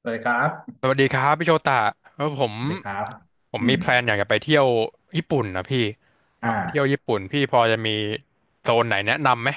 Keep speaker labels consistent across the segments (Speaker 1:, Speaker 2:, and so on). Speaker 1: สวัสดีครับ
Speaker 2: สวัสดีครับพี่โชตะเออผม
Speaker 1: สวัสดีครับ
Speaker 2: ผม
Speaker 1: อื
Speaker 2: มี
Speaker 1: ม
Speaker 2: แพลนอยากจะไปเที่ยวญี่ปุ่นนะพี่อ
Speaker 1: อ
Speaker 2: ยากไปเที่ยว
Speaker 1: ่า
Speaker 2: ญี่ปุ่นพี่พอจะมีโซนไหนแนะนำไหม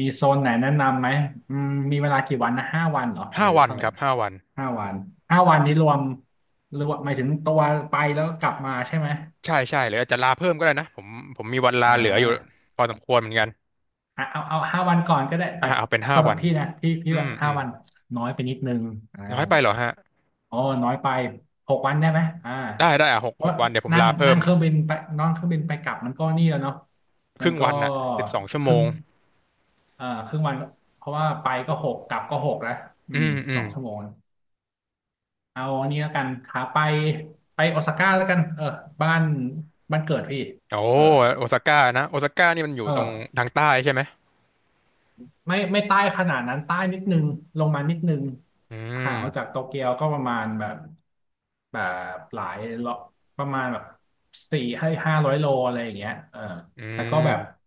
Speaker 1: มีโซนไหนแนะนำไหมมีเวลากี่วันนะห้าวันเหรอห
Speaker 2: ห้า
Speaker 1: รือ
Speaker 2: วัน
Speaker 1: เท่าไหร่
Speaker 2: ครับ
Speaker 1: นะ
Speaker 2: ห้าวัน
Speaker 1: ห้าวันห้าวันนี้รวมหรอวมหมายถึงตัวไปแล้วกลับมาใช่ไหม
Speaker 2: ใช่ใช่หรืออาจจะลาเพิ่มก็ได้นะผมมีวันลา
Speaker 1: อ่
Speaker 2: เหลืออยู่
Speaker 1: า
Speaker 2: พอสมควรเหมือนกัน
Speaker 1: อ่ะเอาห้าวันก่อนก็ได้
Speaker 2: อ่ะ
Speaker 1: แต่
Speaker 2: เอาเป็นห้า
Speaker 1: สำหรั
Speaker 2: วั
Speaker 1: บ
Speaker 2: น
Speaker 1: พี่นะพี่
Speaker 2: อื
Speaker 1: ว่า
Speaker 2: มอื
Speaker 1: ห้า
Speaker 2: ม
Speaker 1: วันน้อยไปนิดนึงอ่า
Speaker 2: น้อยไปเหรอฮะ
Speaker 1: อ๋อน้อยไปหกวันได้ไหม
Speaker 2: ได้ได้อ่ะหก
Speaker 1: เพ
Speaker 2: ห
Speaker 1: ราะ
Speaker 2: กวันเดี๋ยวผม
Speaker 1: นั่ง
Speaker 2: ลาเพิ่
Speaker 1: นั่ง
Speaker 2: ม
Speaker 1: เครื่องบินไปนั่งเครื่องบินไปกลับมันก็นี่แล้วเนาะ
Speaker 2: ค
Speaker 1: มัน
Speaker 2: รึ่ง
Speaker 1: ก็
Speaker 2: วันน่ะสิบสองชั่ว
Speaker 1: ค
Speaker 2: โม
Speaker 1: รึ่ง
Speaker 2: ง
Speaker 1: ครึ่งวัน เพราะว่าไปก็หกกลับก็หกแล้วอื
Speaker 2: อื
Speaker 1: ม
Speaker 2: มอื
Speaker 1: ส
Speaker 2: ม
Speaker 1: องชั่วโมงเอาอันนี้แล้วกันขาไปโอซาก้าแล้วกันเออบ้านบ้านเกิดพี่
Speaker 2: โอ้
Speaker 1: เออ
Speaker 2: โอซาก้านะโอซาก้านี่มันอยู่
Speaker 1: เอ
Speaker 2: ตรง
Speaker 1: อ
Speaker 2: ทางใต้ใช่ไหม
Speaker 1: ไม่ใต้ขนาดนั้นใต้นิดนึงลงมานิดนึง
Speaker 2: อื
Speaker 1: ห่างออกจา
Speaker 2: ม
Speaker 1: กโตเกียวก็ประมาณแบบหลายโลประมาณแบบสี่ให้ห้าร้อยโลอะไรอย่างเงี้ยเออ
Speaker 2: อื
Speaker 1: แต่ก็แบบ
Speaker 2: ม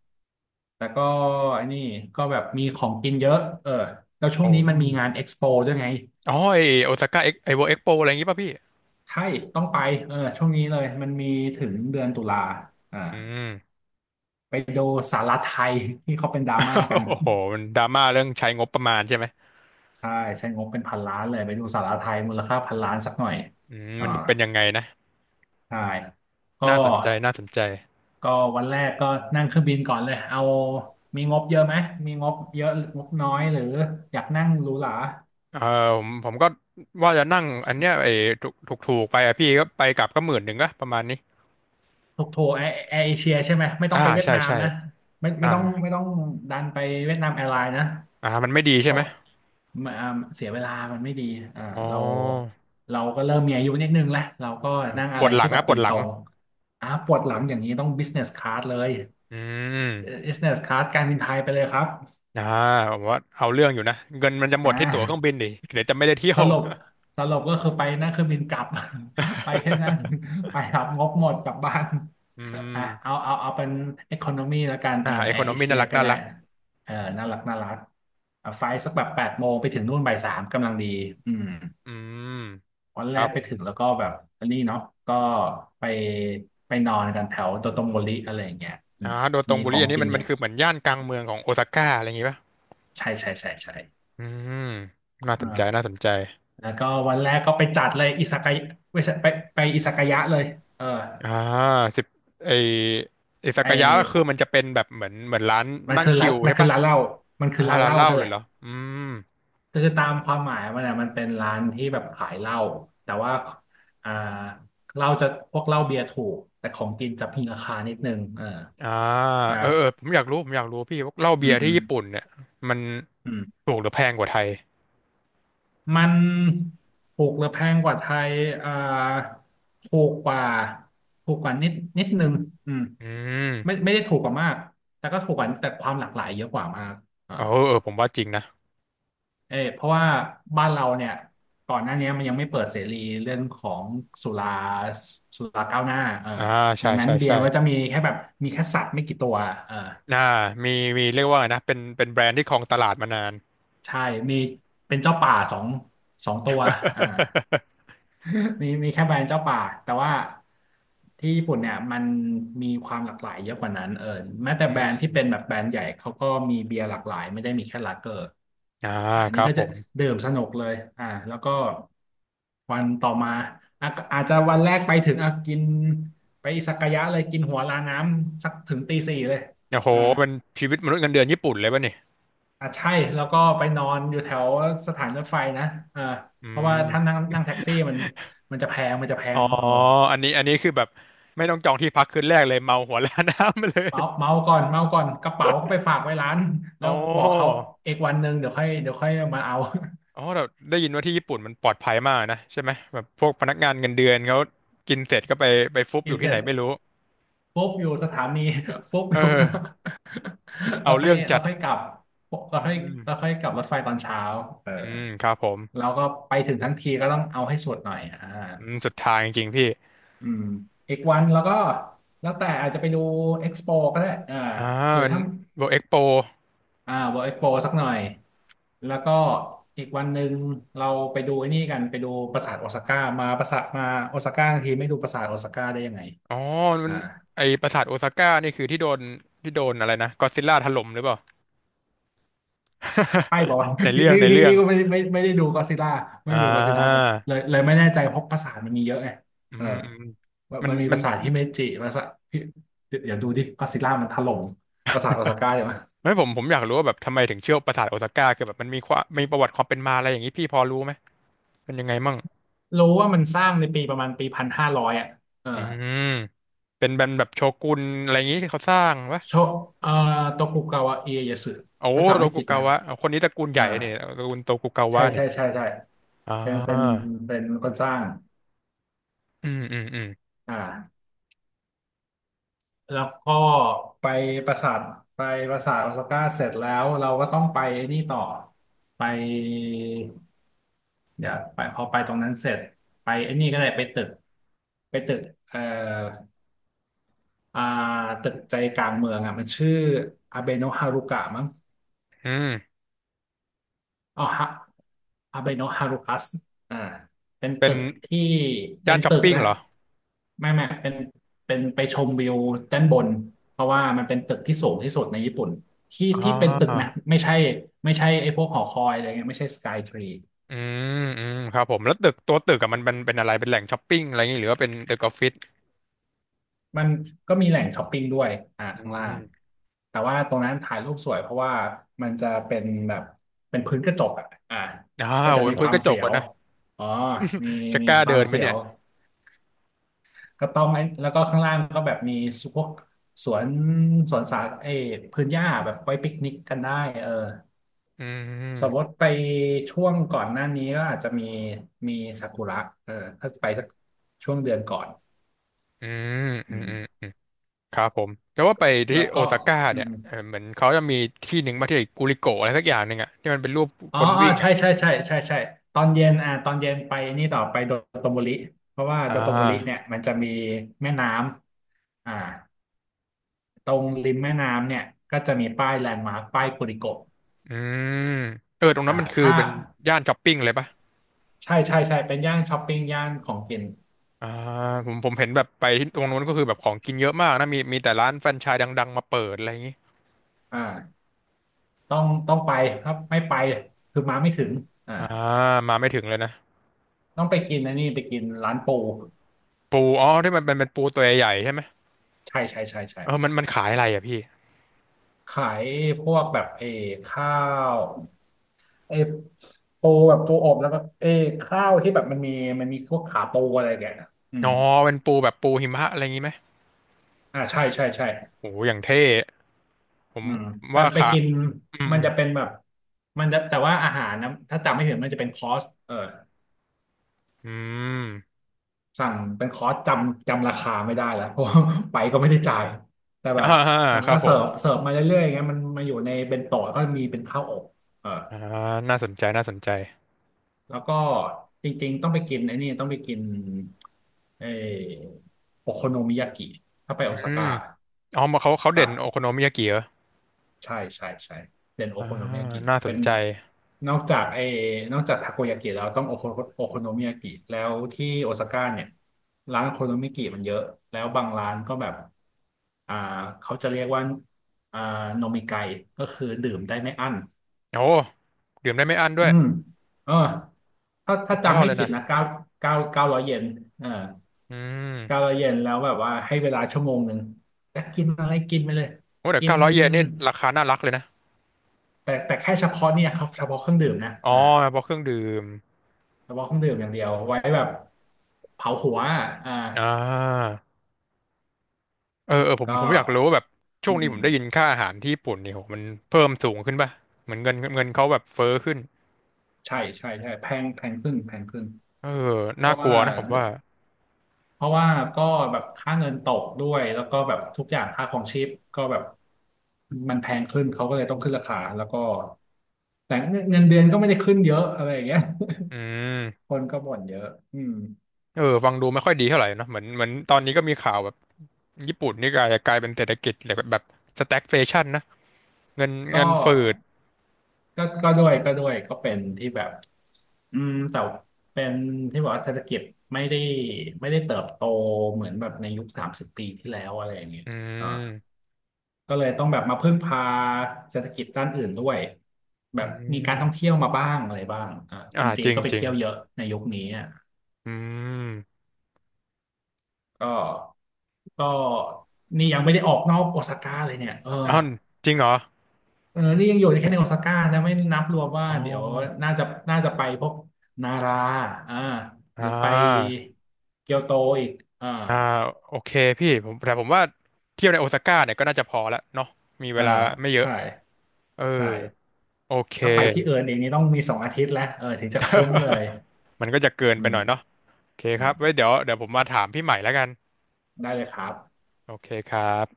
Speaker 1: แต่ก็ไอ้นี่ก็แบบมีของกินเยอะเออแล้วช่วง
Speaker 2: โอ้
Speaker 1: นี้มันมีงานเอ็กซ์โปด้วยไง
Speaker 2: อ๋อโอซาก้าเวิลด์เอ็กโปอะไรอย่างงี้ป่ะพี่
Speaker 1: ใช่ต้องไปเออช่วงนี้เลยมันมีถึงเดือนตุลาอ่า
Speaker 2: อืม
Speaker 1: ไปดูสาราไทยที่เขาเป็นดราม่ากัน
Speaker 2: โอ้โหมันดราม่าเรื่องใช้งบประมาณใช่ไหม
Speaker 1: ใช่ใช้งบเป็นพันล้านเลยไปดูสาราไทยมูลค่าพันล้านสักหน่อย
Speaker 2: อืม
Speaker 1: อ่า
Speaker 2: มันจะเป็นยังไงนะ
Speaker 1: ใช่ก็
Speaker 2: น่าสนใจน่าสนใจ
Speaker 1: ก็วันแรกก็นั่งเครื่องบินก่อนเลยเอามีงบเยอะไหมมีงบเยอะงบน้อยหรืออยากนั่งหรูหรา
Speaker 2: เออผมก็ว่าจะนั่งอันเนี้ยถูกถูกถูกไปอะพี่ก็ไปกลับก็หมื่นหนึ่งก็ประมาณนี้
Speaker 1: ถูกโทรแอร์เอเชียใช่ไหมไม่ต้อ
Speaker 2: อ่า
Speaker 1: งไปเวียด
Speaker 2: ใช่
Speaker 1: นาม
Speaker 2: ใช่
Speaker 1: นะไม่ไม่
Speaker 2: อ่า
Speaker 1: ต้องไม่ต้องดันไปเวียดนามแอร์ไลน์นะ
Speaker 2: อ่ามันไม่ดี
Speaker 1: เพ
Speaker 2: ใช่ไห
Speaker 1: ราะ
Speaker 2: ม
Speaker 1: มันเสียเวลามันไม่ดีอ่า
Speaker 2: อ๋อ
Speaker 1: เราเราก็เริ่มมีอายุนิดนึงแล้วเราก็นั่ง
Speaker 2: ป
Speaker 1: อะไร
Speaker 2: วดหลั
Speaker 1: ที่
Speaker 2: ง
Speaker 1: แบบ
Speaker 2: อะปว
Speaker 1: บิ
Speaker 2: ด
Speaker 1: น
Speaker 2: ห
Speaker 1: ต
Speaker 2: ลั
Speaker 1: ร
Speaker 2: ง
Speaker 1: งปวดหลังอย่างนี้ต้อง business class เลย
Speaker 2: อืม
Speaker 1: business class การบินไทยไปเลยครับ
Speaker 2: อ่าผมว่าเอาเรื่องอยู่นะเงินมันจะหมด
Speaker 1: อ่า
Speaker 2: ที่ตั๋วเครื่องบินดิเดี๋ยวจะไม่ได้เที่ย
Speaker 1: ส
Speaker 2: ว
Speaker 1: รุปสรุปก็คือไปนั่งเครื่องบินกลับ ไปแค่นั้น ไปรับงบหมดกลับบ้าน
Speaker 2: อื
Speaker 1: อ่ะ
Speaker 2: ม
Speaker 1: เอาเป็นอ c o คโน y แล้วกันเอ
Speaker 2: อ่า
Speaker 1: อ
Speaker 2: e c
Speaker 1: แอ
Speaker 2: o
Speaker 1: ร์
Speaker 2: n o
Speaker 1: เอ
Speaker 2: m y
Speaker 1: เชี
Speaker 2: น่า
Speaker 1: ย
Speaker 2: รัก
Speaker 1: ก็
Speaker 2: น่า
Speaker 1: ได้
Speaker 2: รัก
Speaker 1: เออน่ารักน่ารักอ่ะไฟล์สักแบบแปดโมงไปถึงนู่นบ่ายสามกำลังดีอืม
Speaker 2: อืม
Speaker 1: วัน
Speaker 2: ค
Speaker 1: แร
Speaker 2: รับ
Speaker 1: ก
Speaker 2: ผ
Speaker 1: ไปถึง
Speaker 2: ม
Speaker 1: แล้วก็แบบอันนี้เนาะก็ไปไปนอนกันแถวโดโตโมริอะไรอย่างเงี้ยอื
Speaker 2: อ่า
Speaker 1: ม
Speaker 2: โดโต
Speaker 1: มี
Speaker 2: งบุ
Speaker 1: ขอ
Speaker 2: รี
Speaker 1: ง
Speaker 2: อันนี้
Speaker 1: กิ
Speaker 2: มั
Speaker 1: น
Speaker 2: น
Speaker 1: เย
Speaker 2: มัน
Speaker 1: อะ
Speaker 2: คือเหมือนย่านกลางเมืองของโอซาก้าอะไรอย่างงี้ป่ะ
Speaker 1: ใช่ใช่ใช่ใช่
Speaker 2: อืมน่าสนใจ
Speaker 1: อ่า
Speaker 2: น่าสนใจ
Speaker 1: แล้วก็วันแรกก็ไปจัดเลยอิซากายะไม่ใช่ไปอิซากายะเลยเออ
Speaker 2: อ่าสิบไอไอซา
Speaker 1: ไอ
Speaker 2: กายะก็คือมัน
Speaker 1: ้
Speaker 2: จะเป็นแบบเหมือนร้าน
Speaker 1: มัน
Speaker 2: นั่ง
Speaker 1: คือ
Speaker 2: ชิ
Speaker 1: ร้าน
Speaker 2: ล
Speaker 1: มัน
Speaker 2: ใช่
Speaker 1: คือ
Speaker 2: ป่ะ
Speaker 1: ร้านเหล้ามันคื
Speaker 2: อ่า
Speaker 1: อร้านเห
Speaker 2: ร้าน
Speaker 1: ล้า
Speaker 2: เหล้า
Speaker 1: นั่น
Speaker 2: เล
Speaker 1: แห
Speaker 2: ย
Speaker 1: ละ
Speaker 2: เหรออืม
Speaker 1: คือตามความหมายมันอ่ะมันเป็นร้านที่แบบขายเหล้าแต่ว่าอ่าเหล้าจะพวกเหล้าเบียร์ถูกแต่ของกินจะมีราคานิดนึงเออ
Speaker 2: อ่า
Speaker 1: ครั
Speaker 2: เออเออผ
Speaker 1: บ
Speaker 2: มอยากรู้ผมอยากรู้พี่ว่าเหล้า
Speaker 1: อื
Speaker 2: เบีย
Speaker 1: ม
Speaker 2: ร์
Speaker 1: อื
Speaker 2: ที่
Speaker 1: ม
Speaker 2: ญี่ปุ่นเนี่ยมัน
Speaker 1: อืม
Speaker 2: ถูกหรือแพงกว่าไทย
Speaker 1: มันถูกหรือแพงกว่าไทยอ่าถูกกว่าถูกกว่านิดนึงอืม
Speaker 2: อื
Speaker 1: ไม่
Speaker 2: ม
Speaker 1: ไม่ได้ถูกกว่ามากแต่ก็ถูกกว่าแต่ความหลากหลายเยอะกว่ามากอ่า
Speaker 2: เออเออผมว่าจริงนะ
Speaker 1: เออเพราะว่าบ้านเราเนี่ยก่อนหน้านี้มันยังไม่เปิดเสรีเรื่องของสุราสุราก้าวหน้าเออ
Speaker 2: อ่าใช่
Speaker 1: ดังนั้น
Speaker 2: ใช่
Speaker 1: เบีย
Speaker 2: ใช่
Speaker 1: ร์ก็จะมีแค่แบบมีแค่สัตว์ไม่กี่ตัวเออ
Speaker 2: อ่ามีมีเรียกว่าไงนะเป็นแบรนด์ที่ครองตลาดมานาน
Speaker 1: ใช่มีเป็นเจ้าป่าสองตัวอ่า มีแค่แบรนด์เจ้าป่าแต่ว่าที่ญี่ปุ่นเนี่ยมันมีความหลากหลายเยอะกว่านั้นเออแม้แต่
Speaker 2: อื
Speaker 1: แบรนด์ที่เป็นแบ
Speaker 2: ม
Speaker 1: บแบรนด์ใหญ่เขาก็มีเบียร์หลากหลายไม่ได้มีแค่ลาเกอร์
Speaker 2: อ่า
Speaker 1: อ่า
Speaker 2: ค
Speaker 1: นี่
Speaker 2: รับ
Speaker 1: ก็
Speaker 2: ผ
Speaker 1: จะ
Speaker 2: ม
Speaker 1: ดื่มสนุกเลยแล้วก็วันต่อมาอ่ะอาจจะวันแรกไปถึงอ่ะกินไปสักกายะเลยกินหัวลาน้ำสักถึงตีสี่เลย
Speaker 2: โอ้โห
Speaker 1: อ่า
Speaker 2: เป็นชีวิตมนุษย์เงินเดือนญี่ปุ่นเลยป่ะนี่
Speaker 1: อ่ะใช่แล้วก็ไปนอนอยู่แถวสถานรถไฟนะเอ่า
Speaker 2: อื
Speaker 1: เพราะว่าถ้า
Speaker 2: ม
Speaker 1: นั่งนั่งแท็กซี่มันมันจะแพ
Speaker 2: อ๋อ
Speaker 1: งเออ
Speaker 2: อันนี้คือแบบไม่ต้องจองที่พักคืนแรกเลยเมาหัวล้านน้ำไปเลย
Speaker 1: เมาก่อนเมาก่อนกระเป๋าก็ไปฝากไว้ร้านแล้
Speaker 2: โอ้
Speaker 1: วบอกเขาเอกวันหนึ่งเดี๋ยวค่อยมาเอา
Speaker 2: อ๋อเราได้ยินว่าที่ญี่ปุ่นมันปลอดภัยมากนะใช่ไหมแบบพวกพนักงานเงินเดือนเขากินเสร็จก็ไปฟุบ
Speaker 1: เอ
Speaker 2: อยู่
Speaker 1: นเส
Speaker 2: ที่
Speaker 1: ร็
Speaker 2: ไหน
Speaker 1: จ
Speaker 2: ไม่รู้
Speaker 1: ปุ๊ บอยู่สถานี ปุ๊บอ
Speaker 2: เอ
Speaker 1: ยู่ข้าง
Speaker 2: อ
Speaker 1: นอก แล้
Speaker 2: เอา
Speaker 1: วค่อ
Speaker 2: เรื่
Speaker 1: ย
Speaker 2: อง
Speaker 1: แล้
Speaker 2: จั
Speaker 1: ว
Speaker 2: ด
Speaker 1: ค่อยกลับแล้
Speaker 2: อื
Speaker 1: วค่อย
Speaker 2: ม
Speaker 1: แล้วค่อยกลับรถไฟตอนเช้าเออ
Speaker 2: อืมครับผม
Speaker 1: เราก็ไปถึงทั้งทีก็ต้องเอาให้สุดหน่อยอ่า
Speaker 2: อืมสุดทางจริงๆพี่
Speaker 1: อืมอีกวันแล้วก็แล้วแต่อาจจะไปดูเอ็กซ์โปก็ได้อ่า
Speaker 2: อ่า
Speaker 1: หรือ
Speaker 2: มัน
Speaker 1: ถ้า
Speaker 2: เวิลด์เอ็กโป
Speaker 1: เวิลด์เอ็กซ์โปสักหน่อยแล้วก็อีกวันหนึ่งเราไปดูไอ้นี่กันไปดูปราสาทโอซาก้ามาปราสาทมาโอซาก้าทีไม่ดูปราสาทโอซาก้าได้ยังไง
Speaker 2: อ๋อมัน
Speaker 1: อ่า
Speaker 2: ปราสาทโอซาก้านี่คือที่โดนอะไรนะก็อดซิลล่าถล่มหรือเปล่า
Speaker 1: ไอ้บอกว่า
Speaker 2: ใน
Speaker 1: พี่
Speaker 2: เรื่อง
Speaker 1: พี่
Speaker 2: ใน
Speaker 1: พี่
Speaker 2: เรื่อง
Speaker 1: พี่ก็ไม่ได้ดูก o d ซิล l ่าไม่
Speaker 2: อ่า
Speaker 1: ได้ดูก o d ซิล l ่าแบบเลยไม่แน่ใจเพราะปราสาทมันมีเยอะไง
Speaker 2: อื
Speaker 1: เออ
Speaker 2: มอืม
Speaker 1: ว่า
Speaker 2: มัน
Speaker 1: มันมีป
Speaker 2: มัน
Speaker 1: ราสาทฮิเมจิปราสาทพี่เดี๋ยวดูดิก o d ซิล l ่ามันถล่มปราสาทโอซาก้าอยู่
Speaker 2: ไม่ผมอยากรู้ว่าแบบทำไมถึงเชื่อปราสาทโอซาก้าคือแบบมันมีความมีประวัติความเป็นมาอะไรอย่างนี้พี่พอรู้ไหมเป็นยังไงมั่ง
Speaker 1: รู้ว่ามันสร้างในปีประมาณปี1500อ่ะเออ
Speaker 2: อืมเป็นแบบโชกุนอะไรอย่างนี้ที่เขาสร้างวะ
Speaker 1: โชเอ่อโตกุกาวะเอีเยสึ
Speaker 2: โอ้
Speaker 1: ถ้าจำ
Speaker 2: โต
Speaker 1: ไม่
Speaker 2: กุ
Speaker 1: ผิด
Speaker 2: กา
Speaker 1: นะ
Speaker 2: วะเอาคนนี้ตระกูล
Speaker 1: เอ
Speaker 2: ให
Speaker 1: อ
Speaker 2: ญ่นี่ตระกูลโตกุกา
Speaker 1: ใช่
Speaker 2: วะนี่
Speaker 1: ใช่ใช่ใช่
Speaker 2: อ่
Speaker 1: เป็นเป็น
Speaker 2: า
Speaker 1: เป็นคนสร้าง
Speaker 2: อืมอืมอืม
Speaker 1: อ่าแล้วก็ไปปราสาทไปปราสาทโอซาก้าเสร็จแล้วเราก็ต้องไปนี่ต่อไปเดี๋ยวไปพอไปตรงนั้นเสร็จไปไอ้นี่ก็ได้ไปตึกเอ่ออ่าตึกใจกลางเมืองอ่ะมันชื่ออาเบโนะฮารุกะมั้ง
Speaker 2: อืม
Speaker 1: อ๋อฮะฮาเบโนะฮารุคัสอ่าเป็น
Speaker 2: เป็
Speaker 1: ตึ
Speaker 2: น
Speaker 1: กที่เป็
Speaker 2: ย่าน
Speaker 1: น
Speaker 2: ช้อป
Speaker 1: ตึก
Speaker 2: ปิ้ง
Speaker 1: นะ
Speaker 2: เหรอ
Speaker 1: ไม่เป็นไปชมวิวด้านบนเพราะว่ามันเป็นตึกที่สูงที่สุดในญี่ปุ่นที่
Speaker 2: อ่
Speaker 1: ที่เป็นตึก
Speaker 2: า
Speaker 1: นะไม่ใช่ไอ้พวกหอคอยอะไรเงี้ยไม่ใช่สกายทรี
Speaker 2: อืมอืมครับผมแล้วตึกตัวตึกอะมันเป็นอะไรเป็นแหล่งช้อปปิ้งอะไรอย่างนี้หรือว่าเป็นตึกออฟฟิศ
Speaker 1: มันก็มีแหล่งช้อปปิ้งด้วยอ่า
Speaker 2: อื
Speaker 1: ข้างล่าง
Speaker 2: ม
Speaker 1: แต่ว่าตรงนั้นถ่ายรูปสวยเพราะว่ามันจะเป็นแบบเป็นพื้นกระจกอ่ะ
Speaker 2: อ่า
Speaker 1: ก็
Speaker 2: โห
Speaker 1: จะมี
Speaker 2: เป็น
Speaker 1: ค
Speaker 2: พื้น
Speaker 1: วา
Speaker 2: ก
Speaker 1: ม
Speaker 2: ระจ
Speaker 1: เสี
Speaker 2: ก
Speaker 1: ย
Speaker 2: วะ
Speaker 1: ว
Speaker 2: นะ
Speaker 1: อ๋อมี
Speaker 2: จะ
Speaker 1: มี
Speaker 2: กล้า
Speaker 1: ควา
Speaker 2: เดิ
Speaker 1: ม
Speaker 2: นไหม
Speaker 1: เสีย
Speaker 2: เนี่
Speaker 1: ว
Speaker 2: ย
Speaker 1: ก็ต้องไอ้แล้วก็ข้างล่างก็แบบมีพวกสวนสวนสาเออพื้นหญ้าแบบไว้ปิกนิกกันได้เออ
Speaker 2: อื
Speaker 1: สมม
Speaker 2: ม
Speaker 1: ติไปช่วงก่อนหน้านี้ก็อาจจะมีมีซากุระเออถ้าไปสักช่วงเดือนก่อน
Speaker 2: อืมอื
Speaker 1: อื
Speaker 2: มอืม
Speaker 1: ม
Speaker 2: อืมครับผมแต่ว่าไปที่
Speaker 1: แล้ว
Speaker 2: โอ
Speaker 1: ก็
Speaker 2: ซาก้า
Speaker 1: อื
Speaker 2: เนี่ย
Speaker 1: ม
Speaker 2: เออเหมือนเขาจะมีที่หนึ่งมาที่กูริโกะอะไรสักอย่างหนึ่งอะที่มันเป็นรูป
Speaker 1: ๆอ๋
Speaker 2: ค
Speaker 1: อ
Speaker 2: น
Speaker 1: อ๋อ
Speaker 2: วิ่ง
Speaker 1: ใช่
Speaker 2: อะ
Speaker 1: ใช่ใช่ใช่ใช่ตอนเย็นอ่าตอนเย็นไปนี่ต่อไปโดโตโมริเพราะว่า
Speaker 2: อ่
Speaker 1: โดโตโมริเนี่ย
Speaker 2: า
Speaker 1: มันจะมีแม่น้ำอ่าตรงริมแม่น้ำเนี่ยก็จะมีป้ายแลนด์มาร์คป้ายกุริโกะ
Speaker 2: อืมเออตรงนั้
Speaker 1: อ่า
Speaker 2: นมันคือ
Speaker 1: ถ้า
Speaker 2: เป็นย่านช้อปปิ้งเลยปะ
Speaker 1: ใช่ใช่ใช่เป็นย่านช้อปปิ้งย่านของกิน
Speaker 2: อ่าผมเห็นแบบไปที่ตรงนู้นก็คือแบบของกินเยอะมากนะมีแต่ร้านแฟรนไชส์ดังๆมาเปิดอะไรอย่างงี้
Speaker 1: อ่าต้องไปครับไม่ไปคือมาไม่ถึงอ่า
Speaker 2: อ่ามาไม่ถึงเลยนะ
Speaker 1: ต้องไปกินอันนี้ไปกินร้านปู
Speaker 2: ปูอ๋อที่มันเป็นปูตัวใหญ่ๆใช่ไหม
Speaker 1: ใช่ใช่ใช่ใช่
Speaker 2: เออมันขายอะไรอะพี่
Speaker 1: ขายพวกแบบข้าวเออปูแบบปูอบแล้วก็ข้าวที่แบบมันมีพวกขาปูอะไรแกนะอืม
Speaker 2: อ๋อเป็นปูแบบปูหิมะอะไรอย่างงี้ไหม
Speaker 1: อ่าใช่ใช่ใช่
Speaker 2: โอ้อย่างเท่ผม
Speaker 1: อืมไป
Speaker 2: ว่า
Speaker 1: ไป
Speaker 2: ค่ะ
Speaker 1: กิน
Speaker 2: อืม
Speaker 1: มั
Speaker 2: อื
Speaker 1: น
Speaker 2: ม
Speaker 1: จะเป็นแบบมันจะแต่ว่าอาหารนะถ้าจำไม่ผิดมันจะเป็นคอร์ส
Speaker 2: อืม
Speaker 1: สั่งเป็นคอร์สจำราคาไม่ได้แล้ว เพราะว่าไปก็ไม่ได้จ่ายแต่ แบ
Speaker 2: อ่า
Speaker 1: บนาง
Speaker 2: ครั
Speaker 1: ก็
Speaker 2: บผ
Speaker 1: เสิ
Speaker 2: ม
Speaker 1: ร์ฟเสิร์ฟมาเรื่อยๆอย่างเงี้ยมันมาอยู่ในเบนโตะก็มีเป็นข้าวอบเออ
Speaker 2: อ่าน่าสนใจน่าสนใจ
Speaker 1: แล้วก็จริงๆต้องไปกินเออโอโคโนมิยากิถ้าไป
Speaker 2: อื
Speaker 1: โอซา
Speaker 2: ม
Speaker 1: ก้า
Speaker 2: อ๋อมาเขา
Speaker 1: กั
Speaker 2: เด่
Speaker 1: บ
Speaker 2: นโอโคโนมิยากิเหรอ
Speaker 1: ใช่ใช่ใช่เป็นโอ
Speaker 2: อ่า
Speaker 1: โคโนมิยากิ
Speaker 2: น่าส
Speaker 1: เป็
Speaker 2: น
Speaker 1: น
Speaker 2: ใจ
Speaker 1: นอกจากไอ้นอกจากทาโกยากิแล้วต้องโอโคโนมิยากิแล้วที่โอซาก้าเนี่ยร้านโอโคโนมิยากิมันเยอะแล้วบางร้านก็แบบอ่าเขาจะเรียกว่าอ่าโนมิไกก็คือดื่มได้ไม่อั้น
Speaker 2: โอ้ดื่มได้ไม่อั้นด้ว
Speaker 1: อื
Speaker 2: ย
Speaker 1: มเออถ้า
Speaker 2: สุ
Speaker 1: ถ้า
Speaker 2: ดยอ
Speaker 1: จำ
Speaker 2: ด
Speaker 1: ไม่
Speaker 2: เลย
Speaker 1: ผิด
Speaker 2: นะ
Speaker 1: นะเก้าร้อยเยนเออ
Speaker 2: อืม
Speaker 1: เก้าร้อยเยนแล้วแบบว่าให้เวลาชั่วโมงหนึ่งจะกินอะไรกินไปเลย
Speaker 2: โอ้เดี๋ยว
Speaker 1: กิน
Speaker 2: 900 เยนนี่ราคาน่ารักเลยนะ
Speaker 1: แต่แค่เฉพาะเนี่ยครับเฉพาะเครื่องดื่มนะ
Speaker 2: อ๋อ
Speaker 1: อ่า
Speaker 2: เพราะเครื่องดื่ม
Speaker 1: เฉพาะเครื่องดื่มอย่างเดียวไว้แบบเผาหัวอ่า
Speaker 2: อ่าเออเออผม
Speaker 1: ก็
Speaker 2: ผมอยากรู้ว่าแบบช่ว
Speaker 1: อื
Speaker 2: ง
Speaker 1: ม
Speaker 2: นี้
Speaker 1: อื
Speaker 2: ผ
Speaker 1: ม
Speaker 2: มได้ยินค่าอาหารที่ญี่ปุ่นนี่โหมันเพิ่มสูงขึ้นป่ะเหมือนเงินเขาแบบเฟ้อขึ้น
Speaker 1: ใช่ใช่ใช่แพงขึ้น
Speaker 2: เออ
Speaker 1: เพ
Speaker 2: น่า
Speaker 1: ราะ
Speaker 2: กลั
Speaker 1: ว่า
Speaker 2: วนะผมว่า
Speaker 1: เพราะว่าก็แบบค่าเงินตกด้วยแล้วก็แบบทุกอย่างค่าของชีพก็แบบมันแพงขึ้นเขาก็เลยต้องขึ้นราคาแล้วก็แต่เงินเดือนก็ไม่ได้ขึ้นเยอะอะไรอย่างเงี้ย
Speaker 2: อืม
Speaker 1: คนก็บ่นเยอะอืม
Speaker 2: เออ ฟังดูไม่ค่อยดีเท่าไหร่เนอะเหมือนตอนนี้ก็มีข่าวแบบญี่ปุ่นนี่กลายเป็นเศรษฐกิจแบบสแต็กเฟชั่นนะเงิน
Speaker 1: ก็
Speaker 2: เงินฝืด
Speaker 1: ก็ด้วยก็เป็นที่แบบอืมแต่เป็นที่บอกว่าเศรษฐกิจไม่ได้เติบโตเหมือนแบบในยุค30 ปีที่แล้วอะไรอย่างเงี้ย
Speaker 2: อื
Speaker 1: อ่า
Speaker 2: ม
Speaker 1: ก็เลยต้องแบบมาพึ่งพาเศรษฐกิจด้านอื่นด้วยแบ
Speaker 2: อื
Speaker 1: บมีการท่อง
Speaker 2: ม
Speaker 1: เที่ยวมาบ้างอะไรบ้างอ่าค
Speaker 2: อ่า
Speaker 1: นจี
Speaker 2: จ
Speaker 1: น
Speaker 2: ริง
Speaker 1: ก็ไป
Speaker 2: จริง
Speaker 1: เที่ยวเยอะในยุคนี้อ่ะ
Speaker 2: อืม
Speaker 1: ก็ก็นี่ยังไม่ได้ออกนอกโอซาก้าเลยเนี่ยเออ
Speaker 2: อ้าวจริงเหรอ
Speaker 1: เออนี่ยังอยู่แค่ในโอซาก้านะไม่นับรวมว่า
Speaker 2: อ๋อ
Speaker 1: เดี๋ยวน่าจะน่าจะไปพวกนาราอ่า
Speaker 2: อ่
Speaker 1: หรือไป
Speaker 2: า
Speaker 1: เกียวโตอีกอ่า
Speaker 2: อ่าโอเคพี่ผมแต่ผมว่าเที่ยวในโอซาก้าเนี่ยก็น่าจะพอและเนาะมีเว
Speaker 1: เอ่า
Speaker 2: ลาไม่เยอะ
Speaker 1: ใช่
Speaker 2: เออ
Speaker 1: ใช่
Speaker 2: โอเค
Speaker 1: ถ้าไปที่เอิร์นเองนี่ต้องมี2 อาทิตย์แล้วถึงจะคุ้มเลย
Speaker 2: มันก็จะเกิน
Speaker 1: อื
Speaker 2: ไปห
Speaker 1: ม
Speaker 2: น่อยเนาะ โอเคครับไว้เดี๋ยวผมมาถามพี่ใหม่แล้วกัน
Speaker 1: ได้เลยครับ
Speaker 2: โอเคครับ